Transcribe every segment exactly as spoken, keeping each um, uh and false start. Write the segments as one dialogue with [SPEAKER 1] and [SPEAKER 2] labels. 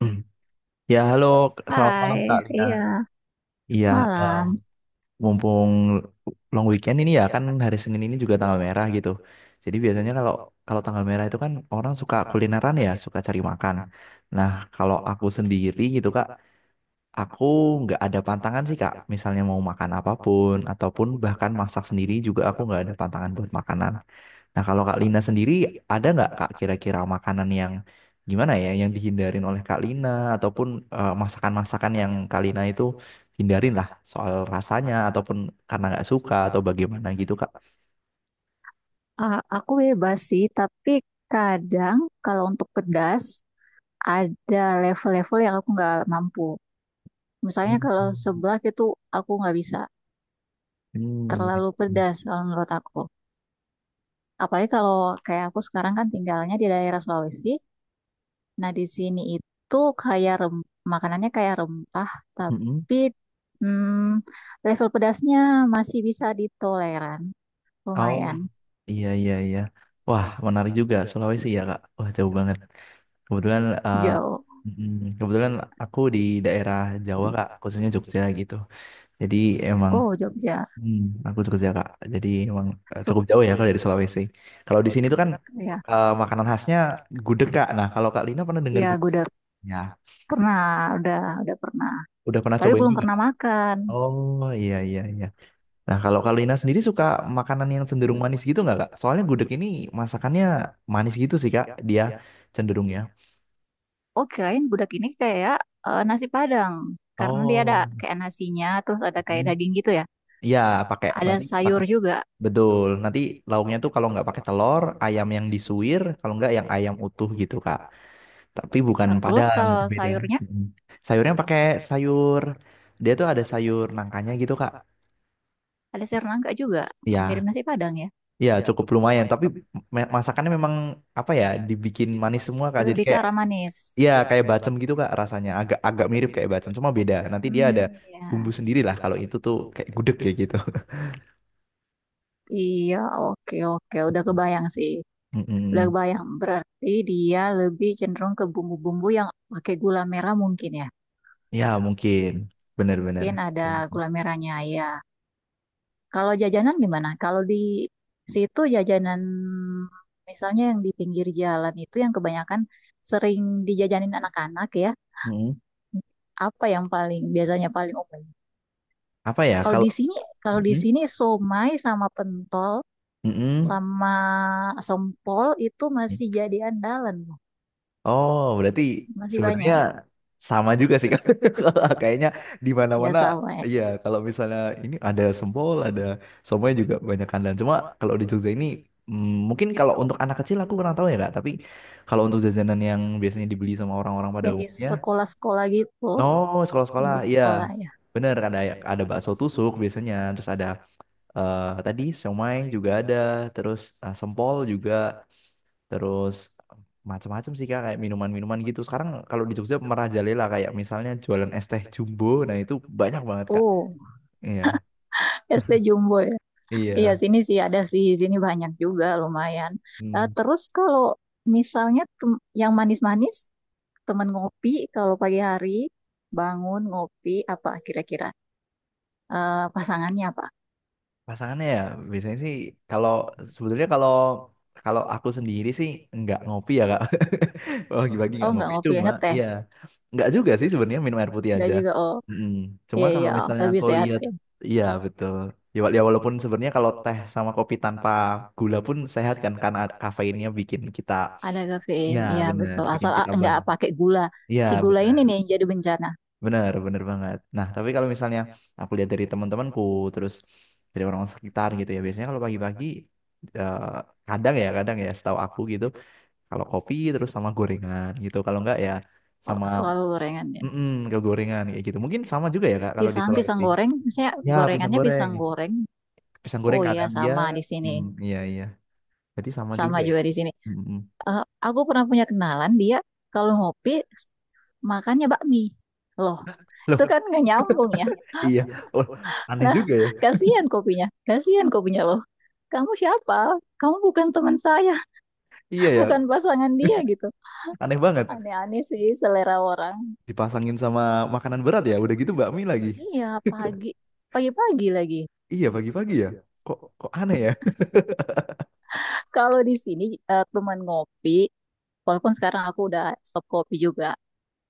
[SPEAKER 1] Ya, halo, selamat malam Kak
[SPEAKER 2] Hai,
[SPEAKER 1] Lina.
[SPEAKER 2] iya,
[SPEAKER 1] Iya, eh,
[SPEAKER 2] malam.
[SPEAKER 1] mumpung long weekend ini ya kan hari Senin ini juga tanggal merah gitu. Jadi biasanya kalau kalau tanggal merah itu kan orang suka kulineran ya, suka cari makan. Nah, kalau aku sendiri gitu Kak, aku nggak ada pantangan sih Kak. Misalnya mau makan apapun ataupun bahkan masak sendiri juga aku nggak ada pantangan buat makanan. Nah, kalau Kak Lina sendiri ada nggak Kak kira-kira makanan yang gimana ya yang dihindarin oleh Kak Lina ataupun eh, masakan-masakan yang Kak Lina itu hindarin lah soal rasanya ataupun karena nggak suka atau bagaimana gitu Kak?
[SPEAKER 2] A- aku bebas sih, tapi kadang kalau untuk pedas ada level-level yang aku nggak mampu. Misalnya kalau seblak itu aku nggak bisa,
[SPEAKER 1] Hmm.
[SPEAKER 2] terlalu
[SPEAKER 1] Hmm.
[SPEAKER 2] pedas kalau menurut aku. Apalagi kalau kayak aku sekarang kan tinggalnya di daerah Sulawesi. Nah, di sini itu kayak rem makanannya kayak rempah,
[SPEAKER 1] Mm-mm.
[SPEAKER 2] tapi hmm, level pedasnya masih bisa ditoleran,
[SPEAKER 1] Oh,
[SPEAKER 2] lumayan
[SPEAKER 1] iya iya iya. Wah, menarik juga Sulawesi ya Kak. Wah, jauh banget. Kebetulan eh,
[SPEAKER 2] jauh.
[SPEAKER 1] mm, kebetulan aku di daerah Jawa Kak, khususnya Jogja gitu. Jadi emang.
[SPEAKER 2] Oh, Jogja.
[SPEAKER 1] Hmm, aku Jogja kak, jadi emang eh, cukup jauh ya kalau dari Sulawesi. Kalau di sini tuh kan
[SPEAKER 2] Ya,
[SPEAKER 1] eh, makanan khasnya gudeg kak. Nah kalau kak Lina pernah dengar
[SPEAKER 2] ya gue
[SPEAKER 1] gudeg?
[SPEAKER 2] udah
[SPEAKER 1] Ya,
[SPEAKER 2] pernah, udah udah pernah.
[SPEAKER 1] udah pernah
[SPEAKER 2] Tapi
[SPEAKER 1] cobain
[SPEAKER 2] belum
[SPEAKER 1] juga.
[SPEAKER 2] pernah
[SPEAKER 1] Kak?
[SPEAKER 2] makan.
[SPEAKER 1] Oh iya iya iya. Nah kalau kak Lina sendiri suka makanan yang cenderung manis gitu nggak kak? Soalnya gudeg ini masakannya manis gitu sih kak, dia cenderungnya.
[SPEAKER 2] Oh, kirain gudeg ini kayak eh, nasi Padang. Karena dia ada
[SPEAKER 1] Oh,
[SPEAKER 2] kayak nasinya, terus ada
[SPEAKER 1] hmm.
[SPEAKER 2] kayak daging gitu ya.
[SPEAKER 1] Iya pakai
[SPEAKER 2] Ada
[SPEAKER 1] nanti pakai
[SPEAKER 2] sayur juga.
[SPEAKER 1] betul. Nanti lauknya tuh kalau nggak pakai telur, ayam yang disuir, kalau nggak yang ayam utuh gitu kak. Tapi bukan
[SPEAKER 2] Nah, telur
[SPEAKER 1] Padang
[SPEAKER 2] kalau
[SPEAKER 1] itu beda.
[SPEAKER 2] sayurnya
[SPEAKER 1] Mm. Sayurnya pakai sayur, dia tuh ada sayur nangkanya gitu Kak.
[SPEAKER 2] ada sayur nangka juga. Mirip
[SPEAKER 1] Ya,
[SPEAKER 2] nasi Padang ya.
[SPEAKER 1] ya cukup lumayan. Tapi me- masakannya memang apa ya dibikin manis semua Kak. Jadi
[SPEAKER 2] Lebih ke
[SPEAKER 1] kayak
[SPEAKER 2] arah manis.
[SPEAKER 1] ya kayak bacem gitu Kak rasanya. Agak agak mirip kayak bacem cuma beda. Nanti dia ada
[SPEAKER 2] Hmm,
[SPEAKER 1] bumbu
[SPEAKER 2] ya.
[SPEAKER 1] sendiri lah kalau itu tuh kayak gudeg kayak gitu.
[SPEAKER 2] Iya, oke oke. Udah kebayang sih. Udah
[SPEAKER 1] Mm-mm.
[SPEAKER 2] kebayang. Berarti dia lebih cenderung ke bumbu-bumbu yang pakai gula merah mungkin ya.
[SPEAKER 1] Ya mungkin bener-bener.
[SPEAKER 2] Mungkin ada gula merahnya ya. Kalau jajanan gimana? Kalau di situ jajanan misalnya yang di pinggir jalan itu yang kebanyakan sering dijajanin anak-anak ya.
[SPEAKER 1] mm
[SPEAKER 2] Apa yang paling biasanya paling umum?
[SPEAKER 1] Apa ya
[SPEAKER 2] Kalau
[SPEAKER 1] kalau.
[SPEAKER 2] di sini, kalau di
[SPEAKER 1] Mm-mm.
[SPEAKER 2] sini somai sama pentol
[SPEAKER 1] Mm-mm.
[SPEAKER 2] sama sempol itu masih jadi andalan, Bu.
[SPEAKER 1] Oh, berarti
[SPEAKER 2] Masih
[SPEAKER 1] sebenarnya
[SPEAKER 2] banyak
[SPEAKER 1] sama juga sih Kak. Kayaknya di
[SPEAKER 2] ya
[SPEAKER 1] mana-mana
[SPEAKER 2] sama ya.
[SPEAKER 1] iya kalau misalnya ini ada sempol, ada semuanya juga banyak kandang. Cuma kalau di Jogja ini mm, mungkin kalau untuk anak kecil aku kurang tahu ya Kak, tapi kalau untuk jajanan yang biasanya dibeli sama orang-orang pada
[SPEAKER 2] Yang di
[SPEAKER 1] umumnya,
[SPEAKER 2] sekolah-sekolah gitu,
[SPEAKER 1] oh
[SPEAKER 2] yang
[SPEAKER 1] sekolah-sekolah,
[SPEAKER 2] di
[SPEAKER 1] iya.
[SPEAKER 2] sekolah ya.
[SPEAKER 1] Bener ada ya, ada bakso tusuk biasanya, terus ada eh, tadi siomay juga ada, terus eh, sempol juga. Terus macam-macam sih Kak, kayak minuman-minuman gitu. Sekarang kalau di Jogja merajalela kayak misalnya jualan es teh jumbo, nah itu banyak banget Kak.
[SPEAKER 2] Oh,
[SPEAKER 1] Iya,
[SPEAKER 2] S D Jumbo ya. Iya,
[SPEAKER 1] iya.
[SPEAKER 2] sini sih ada sih, sini banyak juga lumayan. Eh,
[SPEAKER 1] Hmm.
[SPEAKER 2] terus kalau misalnya tem- yang manis-manis, temen ngopi kalau pagi hari bangun ngopi apa kira-kira. Eh, pasangannya apa?
[SPEAKER 1] Pasangannya ya biasanya sih kalau sebenarnya kalau kalau aku sendiri sih nggak ngopi ya kak. Oh, pagi-pagi
[SPEAKER 2] Oh
[SPEAKER 1] nggak
[SPEAKER 2] nggak
[SPEAKER 1] ngopi. Ngopi
[SPEAKER 2] ngopi
[SPEAKER 1] cuma
[SPEAKER 2] ngeteh,
[SPEAKER 1] iya nggak juga sih sebenarnya minum air putih
[SPEAKER 2] nggak
[SPEAKER 1] aja.
[SPEAKER 2] juga oh
[SPEAKER 1] Mm-mm. Cuma
[SPEAKER 2] iya iya
[SPEAKER 1] kalau
[SPEAKER 2] oh,
[SPEAKER 1] misalnya
[SPEAKER 2] lebih
[SPEAKER 1] aku
[SPEAKER 2] sehat
[SPEAKER 1] lihat
[SPEAKER 2] ya.
[SPEAKER 1] iya betul. Ya, wa- ya walaupun sebenarnya kalau teh sama kopi tanpa gula pun sehat kan karena ada kafeinnya bikin kita
[SPEAKER 2] Ada kafein,
[SPEAKER 1] iya
[SPEAKER 2] iya
[SPEAKER 1] benar
[SPEAKER 2] betul.
[SPEAKER 1] bikin
[SPEAKER 2] Asal ah,
[SPEAKER 1] kita
[SPEAKER 2] nggak
[SPEAKER 1] bangun.
[SPEAKER 2] pakai gula.
[SPEAKER 1] Iya
[SPEAKER 2] Si gula ini
[SPEAKER 1] benar.
[SPEAKER 2] nih yang jadi bencana.
[SPEAKER 1] Bener, bener banget. Nah, tapi kalau misalnya aku lihat dari teman-temanku, terus dari orang sekitar gitu ya, biasanya kalau pagi-pagi, eh, kadang ya, kadang ya, setahu aku gitu, kalau kopi terus sama gorengan gitu, kalau enggak ya
[SPEAKER 2] Oh
[SPEAKER 1] sama
[SPEAKER 2] selalu gorengannya.
[SPEAKER 1] mm ke gorengan kayak gitu. Mungkin sama juga ya Kak, kalau di
[SPEAKER 2] Pisang pisang
[SPEAKER 1] Sulawesi.
[SPEAKER 2] goreng, misalnya
[SPEAKER 1] Ya, pisang
[SPEAKER 2] gorengannya
[SPEAKER 1] goreng.
[SPEAKER 2] pisang goreng.
[SPEAKER 1] Pisang goreng
[SPEAKER 2] Oh iya
[SPEAKER 1] kadang ya.
[SPEAKER 2] sama di sini,
[SPEAKER 1] Mm, iya, iya. Jadi sama
[SPEAKER 2] sama
[SPEAKER 1] juga ya.
[SPEAKER 2] juga di sini.
[SPEAKER 1] Mm-mm.
[SPEAKER 2] Eh, aku pernah punya kenalan dia kalau ngopi makannya bakmi. Loh,
[SPEAKER 1] Loh,
[SPEAKER 2] itu kan nggak nyambung ya.
[SPEAKER 1] iya. Loh, aneh
[SPEAKER 2] Nah,
[SPEAKER 1] juga ya.
[SPEAKER 2] kasihan kopinya. Kasihan kopinya loh. Kamu siapa? Kamu bukan teman saya,
[SPEAKER 1] Iya
[SPEAKER 2] bukan
[SPEAKER 1] ya,
[SPEAKER 2] pasangan dia gitu.
[SPEAKER 1] aneh banget.
[SPEAKER 2] Aneh-aneh sih selera orang.
[SPEAKER 1] Dipasangin sama makanan berat ya, udah gitu bakmi lagi.
[SPEAKER 2] Iya, pagi. Pagi-pagi lagi.
[SPEAKER 1] Iya pagi-pagi ya. Kok kok aneh ya?
[SPEAKER 2] Kalau di sini eh, teman ngopi, walaupun sekarang aku udah stop kopi juga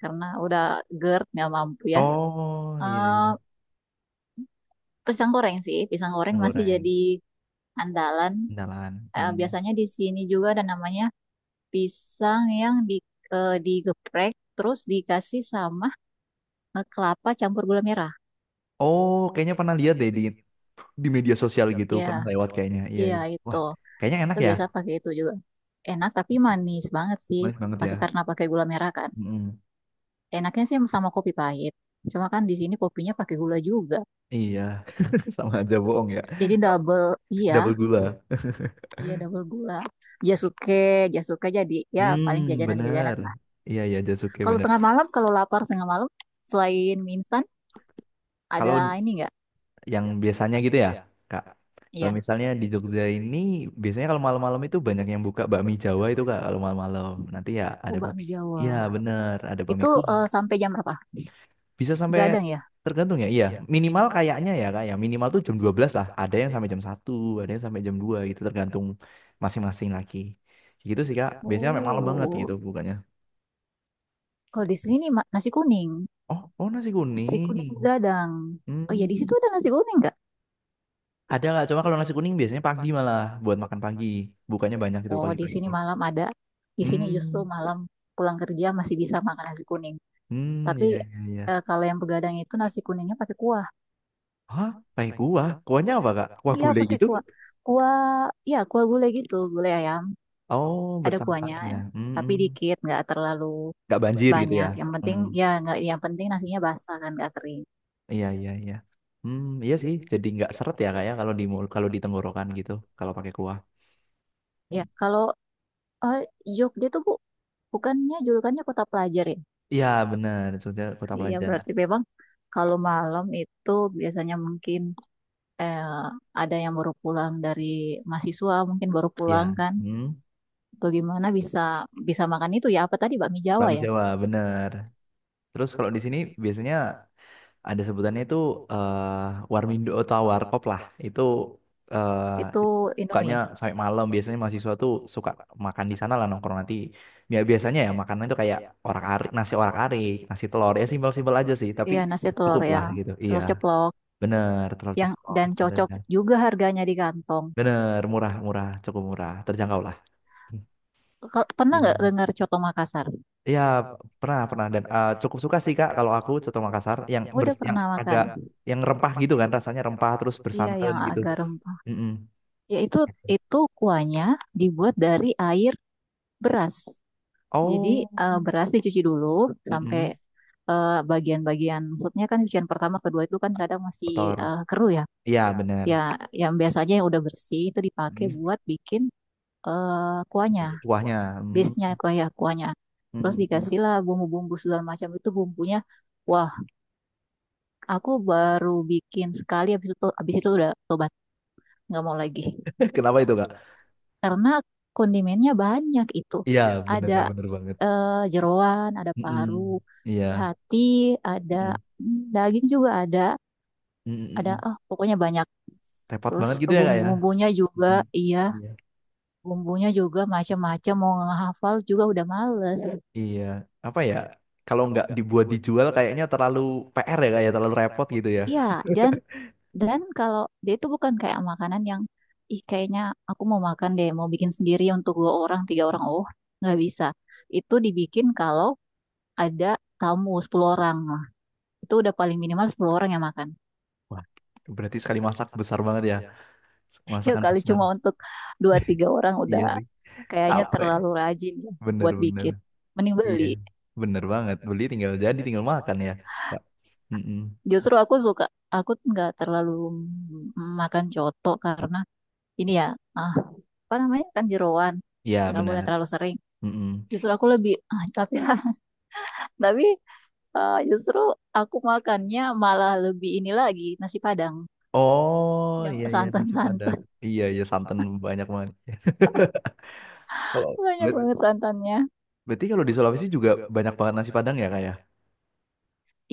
[SPEAKER 2] karena udah GERD nggak mampu ya.
[SPEAKER 1] Oh iya
[SPEAKER 2] Eh,
[SPEAKER 1] iya
[SPEAKER 2] Pisang goreng sih, pisang goreng
[SPEAKER 1] mie
[SPEAKER 2] masih
[SPEAKER 1] goreng
[SPEAKER 2] jadi andalan.
[SPEAKER 1] indalan.
[SPEAKER 2] Eh,
[SPEAKER 1] Hmm.
[SPEAKER 2] biasanya di sini juga ada namanya pisang yang di, eh, digeprek terus dikasih sama eh, kelapa campur gula merah.
[SPEAKER 1] Oh kayaknya pernah lihat deh di di media sosial gitu
[SPEAKER 2] Ya,
[SPEAKER 1] pernah lewat kayaknya. Iya
[SPEAKER 2] iya
[SPEAKER 1] iya.
[SPEAKER 2] itu.
[SPEAKER 1] Wah kayaknya enak
[SPEAKER 2] Itu
[SPEAKER 1] ya.
[SPEAKER 2] biasa pakai itu juga. Enak tapi manis banget sih
[SPEAKER 1] Manis banget ya.
[SPEAKER 2] pakai karena pakai gula merah kan.
[SPEAKER 1] Mm-mm.
[SPEAKER 2] Enaknya sih sama kopi pahit. Cuma kan di sini kopinya pakai gula juga.
[SPEAKER 1] Iya, sama aja bohong ya.
[SPEAKER 2] Jadi double,
[SPEAKER 1] Double
[SPEAKER 2] iya,
[SPEAKER 1] gula.
[SPEAKER 2] iya double gula. Jasuke, jasuke jadi ya paling
[SPEAKER 1] Hmm
[SPEAKER 2] jajanan-jajanan
[SPEAKER 1] bener.
[SPEAKER 2] lah.
[SPEAKER 1] Iya iya Jasuke
[SPEAKER 2] Kalau
[SPEAKER 1] bener.
[SPEAKER 2] tengah malam, kalau lapar tengah malam, selain mie instan,
[SPEAKER 1] Kalau
[SPEAKER 2] ada ini nggak?
[SPEAKER 1] yang biasanya gitu ya, Kak. Kalau
[SPEAKER 2] Iya.
[SPEAKER 1] misalnya di Jogja ini biasanya kalau malam-malam itu banyak yang buka bakmi Jawa itu Kak kalau malam-malam. Nanti ya ada
[SPEAKER 2] Oh,
[SPEAKER 1] bakmi.
[SPEAKER 2] bakmi
[SPEAKER 1] Iya
[SPEAKER 2] Jawa.
[SPEAKER 1] bener, ada bakmi
[SPEAKER 2] Itu
[SPEAKER 1] kuah.
[SPEAKER 2] eh, sampai jam berapa?
[SPEAKER 1] Bisa sampai
[SPEAKER 2] Gadang ya?
[SPEAKER 1] tergantung ya. Iya, minimal kayaknya ya Kak ya. Minimal tuh jam dua belas lah. Ada yang sampai jam satu, ada yang sampai jam dua gitu tergantung masing-masing lagi. Gitu sih Kak. Biasanya sampai malam banget
[SPEAKER 2] Oh,
[SPEAKER 1] gitu bukannya.
[SPEAKER 2] kalau di sini ma- nasi kuning.
[SPEAKER 1] Oh, oh nasi
[SPEAKER 2] Nasi kuning
[SPEAKER 1] kuning.
[SPEAKER 2] gadang. Oh ya, di
[SPEAKER 1] Hmm.
[SPEAKER 2] situ ada nasi kuning nggak?
[SPEAKER 1] Ada nggak? Cuma kalau nasi kuning biasanya pagi malah buat makan pagi. Bukannya banyak itu
[SPEAKER 2] Oh, di
[SPEAKER 1] pagi-pagi.
[SPEAKER 2] sini malam ada. Di sini justru
[SPEAKER 1] Hmm,
[SPEAKER 2] malam pulang kerja masih bisa makan nasi kuning.
[SPEAKER 1] hmm,
[SPEAKER 2] Tapi
[SPEAKER 1] iya iya iya.
[SPEAKER 2] eh, kalau yang begadang itu nasi kuningnya pakai kuah.
[SPEAKER 1] Hah, pakai kuah? Kuahnya apa kak? Kuah
[SPEAKER 2] Iya,
[SPEAKER 1] gulai
[SPEAKER 2] pakai
[SPEAKER 1] gitu?
[SPEAKER 2] kuah. Kuah, ya kuah gulai gitu, gulai ayam.
[SPEAKER 1] Oh,
[SPEAKER 2] Ada
[SPEAKER 1] bersantan
[SPEAKER 2] kuahnya,
[SPEAKER 1] ya. Hmm,
[SPEAKER 2] tapi
[SPEAKER 1] hmm.
[SPEAKER 2] dikit, nggak terlalu
[SPEAKER 1] Nggak banjir gitu ya?
[SPEAKER 2] banyak. Yang penting
[SPEAKER 1] Hmm,
[SPEAKER 2] ya nggak, yang penting nasinya basah kan nggak kering.
[SPEAKER 1] iya iya iya. Hmm, iya sih. Jadi nggak seret ya kak ya kalau di mul- kalau di tenggorokan gitu kalau pakai kuah.
[SPEAKER 2] Ya,
[SPEAKER 1] Hmm.
[SPEAKER 2] kalau Eh, Jogja tuh bu, bukannya julukannya kota pelajar ya?
[SPEAKER 1] Iya benar. Sudah kota
[SPEAKER 2] Iya
[SPEAKER 1] pelajar.
[SPEAKER 2] berarti memang kalau malam itu biasanya mungkin eh, ada yang baru pulang dari mahasiswa mungkin baru pulang
[SPEAKER 1] Iya.
[SPEAKER 2] kan?
[SPEAKER 1] Hmm,
[SPEAKER 2] Atau gimana bisa bisa makan itu ya? Apa tadi bakmi Jawa
[SPEAKER 1] bakmi
[SPEAKER 2] ya?
[SPEAKER 1] Jawa benar. Terus kalau di sini biasanya ada sebutannya itu eh, Warmindo atau Warkop lah. Itu eh,
[SPEAKER 2] Itu
[SPEAKER 1] it- bukanya
[SPEAKER 2] Indomie.
[SPEAKER 1] sampai malam biasanya mahasiswa tuh suka makan di sana lah nongkrong nanti. Ya biasanya ya makanan itu kayak orak-arik, nasi orak-arik, nasi telur ya simpel-simpel aja sih, tapi
[SPEAKER 2] Iya nasi telur
[SPEAKER 1] cukup lah
[SPEAKER 2] yang
[SPEAKER 1] gitu. Iya,
[SPEAKER 2] telur ceplok
[SPEAKER 1] bener terlalu
[SPEAKER 2] yang
[SPEAKER 1] cepet.
[SPEAKER 2] dan cocok juga harganya di kantong.
[SPEAKER 1] Bener, murah-murah, cukup murah, terjangkau lah.
[SPEAKER 2] Kal- Pernah
[SPEAKER 1] Iya,
[SPEAKER 2] nggak
[SPEAKER 1] iya.
[SPEAKER 2] dengar coto Makassar?
[SPEAKER 1] Iya, pernah pernah dan eh, cukup suka sih Kak kalau aku coto Makassar yang
[SPEAKER 2] Oh, udah
[SPEAKER 1] bers- yang
[SPEAKER 2] pernah makan.
[SPEAKER 1] agak yang rempah gitu kan rasanya rempah terus
[SPEAKER 2] Iya
[SPEAKER 1] bersantan
[SPEAKER 2] yang
[SPEAKER 1] gitu.
[SPEAKER 2] agak rempah.
[SPEAKER 1] Mm-mm.
[SPEAKER 2] Ya itu itu kuahnya dibuat dari air beras. Jadi
[SPEAKER 1] Oh,
[SPEAKER 2] eh, beras dicuci dulu sampai
[SPEAKER 1] mm-mm.
[SPEAKER 2] eh, bagian-bagian maksudnya kan cucian pertama kedua itu kan kadang masih
[SPEAKER 1] Kotor.
[SPEAKER 2] eh, keruh ya.
[SPEAKER 1] Iya, benar.
[SPEAKER 2] Ya yang biasanya yang udah bersih itu dipakai
[SPEAKER 1] Mm.
[SPEAKER 2] buat bikin eh, kuahnya,
[SPEAKER 1] Jadi kuahnya.
[SPEAKER 2] base-nya
[SPEAKER 1] Mm.
[SPEAKER 2] kuah ya kuahnya. Terus
[SPEAKER 1] Mm-mm.
[SPEAKER 2] dikasihlah bumbu-bumbu segala macam itu bumbunya. Wah, aku baru bikin sekali habis itu habis itu udah tobat, nggak mau lagi.
[SPEAKER 1] Kenapa itu, Kak?
[SPEAKER 2] Karena kondimennya banyak itu.
[SPEAKER 1] Iya, benar,
[SPEAKER 2] Ada
[SPEAKER 1] benar banget.
[SPEAKER 2] eh, jeroan, ada paru,
[SPEAKER 1] Mm-mm.
[SPEAKER 2] ada
[SPEAKER 1] Iya.
[SPEAKER 2] hati, ada
[SPEAKER 1] Mm-mm.
[SPEAKER 2] mm, daging juga ada, ada
[SPEAKER 1] Mm-mm.
[SPEAKER 2] oh pokoknya banyak.
[SPEAKER 1] Repot
[SPEAKER 2] Terus
[SPEAKER 1] banget gitu ya, Kak ya?
[SPEAKER 2] bumbu-bumbunya juga,
[SPEAKER 1] Mm-mm.
[SPEAKER 2] iya,
[SPEAKER 1] Iya.
[SPEAKER 2] bumbunya juga macam-macam mau ngehafal juga udah males.
[SPEAKER 1] Iya. Apa ya? Kalau nggak dibuat dijual kayaknya terlalu P R ya, Kak ya? Terlalu repot gitu ya.
[SPEAKER 2] Iya, dan dan kalau dia itu bukan kayak makanan yang ih kayaknya aku mau makan deh, mau bikin sendiri untuk dua orang, tiga orang. Oh, nggak bisa. Itu dibikin kalau ada tamu sepuluh orang. Itu udah paling minimal sepuluh orang yang makan.
[SPEAKER 1] Wah, berarti sekali masak besar banget ya.
[SPEAKER 2] Ya
[SPEAKER 1] Masakan
[SPEAKER 2] kali
[SPEAKER 1] besar.
[SPEAKER 2] cuma untuk dua tiga orang udah
[SPEAKER 1] Iya sih.
[SPEAKER 2] kayaknya
[SPEAKER 1] Capek.
[SPEAKER 2] terlalu rajin ya buat
[SPEAKER 1] Bener-bener.
[SPEAKER 2] bikin. Mending
[SPEAKER 1] Iya,
[SPEAKER 2] beli.
[SPEAKER 1] bener banget. Beli tinggal jadi, tinggal makan ya. Kak. Mm-mm.
[SPEAKER 2] Justru aku suka, aku nggak terlalu makan coto karena ini ya, ah, apa namanya kan jeroan.
[SPEAKER 1] Iya,
[SPEAKER 2] Nggak boleh
[SPEAKER 1] benar.
[SPEAKER 2] terlalu sering.
[SPEAKER 1] Mm-mm.
[SPEAKER 2] Justru aku lebih, ah, tapi tapi ah, justru aku makannya malah lebih ini lagi, nasi Padang.
[SPEAKER 1] Oh,
[SPEAKER 2] Yang
[SPEAKER 1] iya iya nasi padang.
[SPEAKER 2] santan-santan.
[SPEAKER 1] Iya iya santan banyak banget.
[SPEAKER 2] Banyak banget santannya.
[SPEAKER 1] Berarti kalau di Sulawesi juga banyak banget nasi padang ya kayak?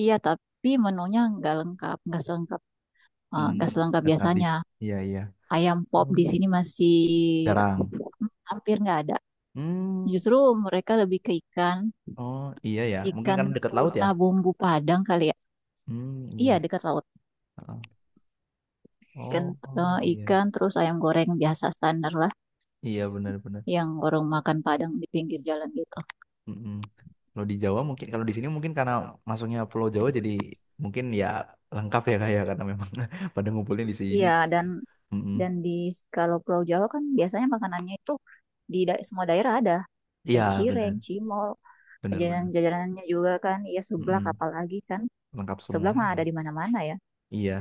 [SPEAKER 2] Iya, tapi menunya nggak lengkap, nggak selengkap Eh,
[SPEAKER 1] Hmm,
[SPEAKER 2] nggak uh, selengkap
[SPEAKER 1] nasi habis.
[SPEAKER 2] biasanya.
[SPEAKER 1] Iya iya.
[SPEAKER 2] Ayam pop
[SPEAKER 1] Oh,
[SPEAKER 2] di sini masih
[SPEAKER 1] jarang.
[SPEAKER 2] hampir nggak ada.
[SPEAKER 1] Hmm.
[SPEAKER 2] Justru mereka lebih ke ikan,
[SPEAKER 1] Oh, iya ya. Mungkin
[SPEAKER 2] ikan
[SPEAKER 1] karena dekat laut ya.
[SPEAKER 2] tuna bumbu Padang kali ya.
[SPEAKER 1] Hmm,
[SPEAKER 2] Iya
[SPEAKER 1] iya.
[SPEAKER 2] dekat laut.
[SPEAKER 1] Heeh.
[SPEAKER 2] Ikan,
[SPEAKER 1] Oh, oh,
[SPEAKER 2] eh,
[SPEAKER 1] iya.
[SPEAKER 2] ikan terus ayam goreng biasa standar lah,
[SPEAKER 1] Iya benar-benar.
[SPEAKER 2] yang orang makan Padang di pinggir jalan gitu.
[SPEAKER 1] Mm-mm. Kalau di Jawa mungkin kalau di sini mungkin karena masuknya Pulau Jawa jadi mungkin ya lengkap ya kayak karena memang pada ngumpulin di sini.
[SPEAKER 2] Iya dan
[SPEAKER 1] Mm-mm.
[SPEAKER 2] dan di kalau Pulau Jawa kan biasanya makanannya itu di da- semua daerah ada
[SPEAKER 1] Iya
[SPEAKER 2] kayak cireng,
[SPEAKER 1] benar
[SPEAKER 2] cimol,
[SPEAKER 1] benar benar.
[SPEAKER 2] jajanan-jajanannya juga kan, ya seblak
[SPEAKER 1] Mm-mm.
[SPEAKER 2] apalagi kan,
[SPEAKER 1] Lengkap semua.
[SPEAKER 2] seblak mah ada di mana-mana ya.
[SPEAKER 1] Iya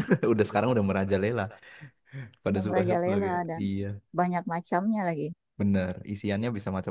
[SPEAKER 1] udah sekarang udah merajalela pada
[SPEAKER 2] Sudah
[SPEAKER 1] suka-suka
[SPEAKER 2] merajalela
[SPEAKER 1] ya.
[SPEAKER 2] dan
[SPEAKER 1] Iya
[SPEAKER 2] banyak macamnya lagi.
[SPEAKER 1] benar isiannya bisa macam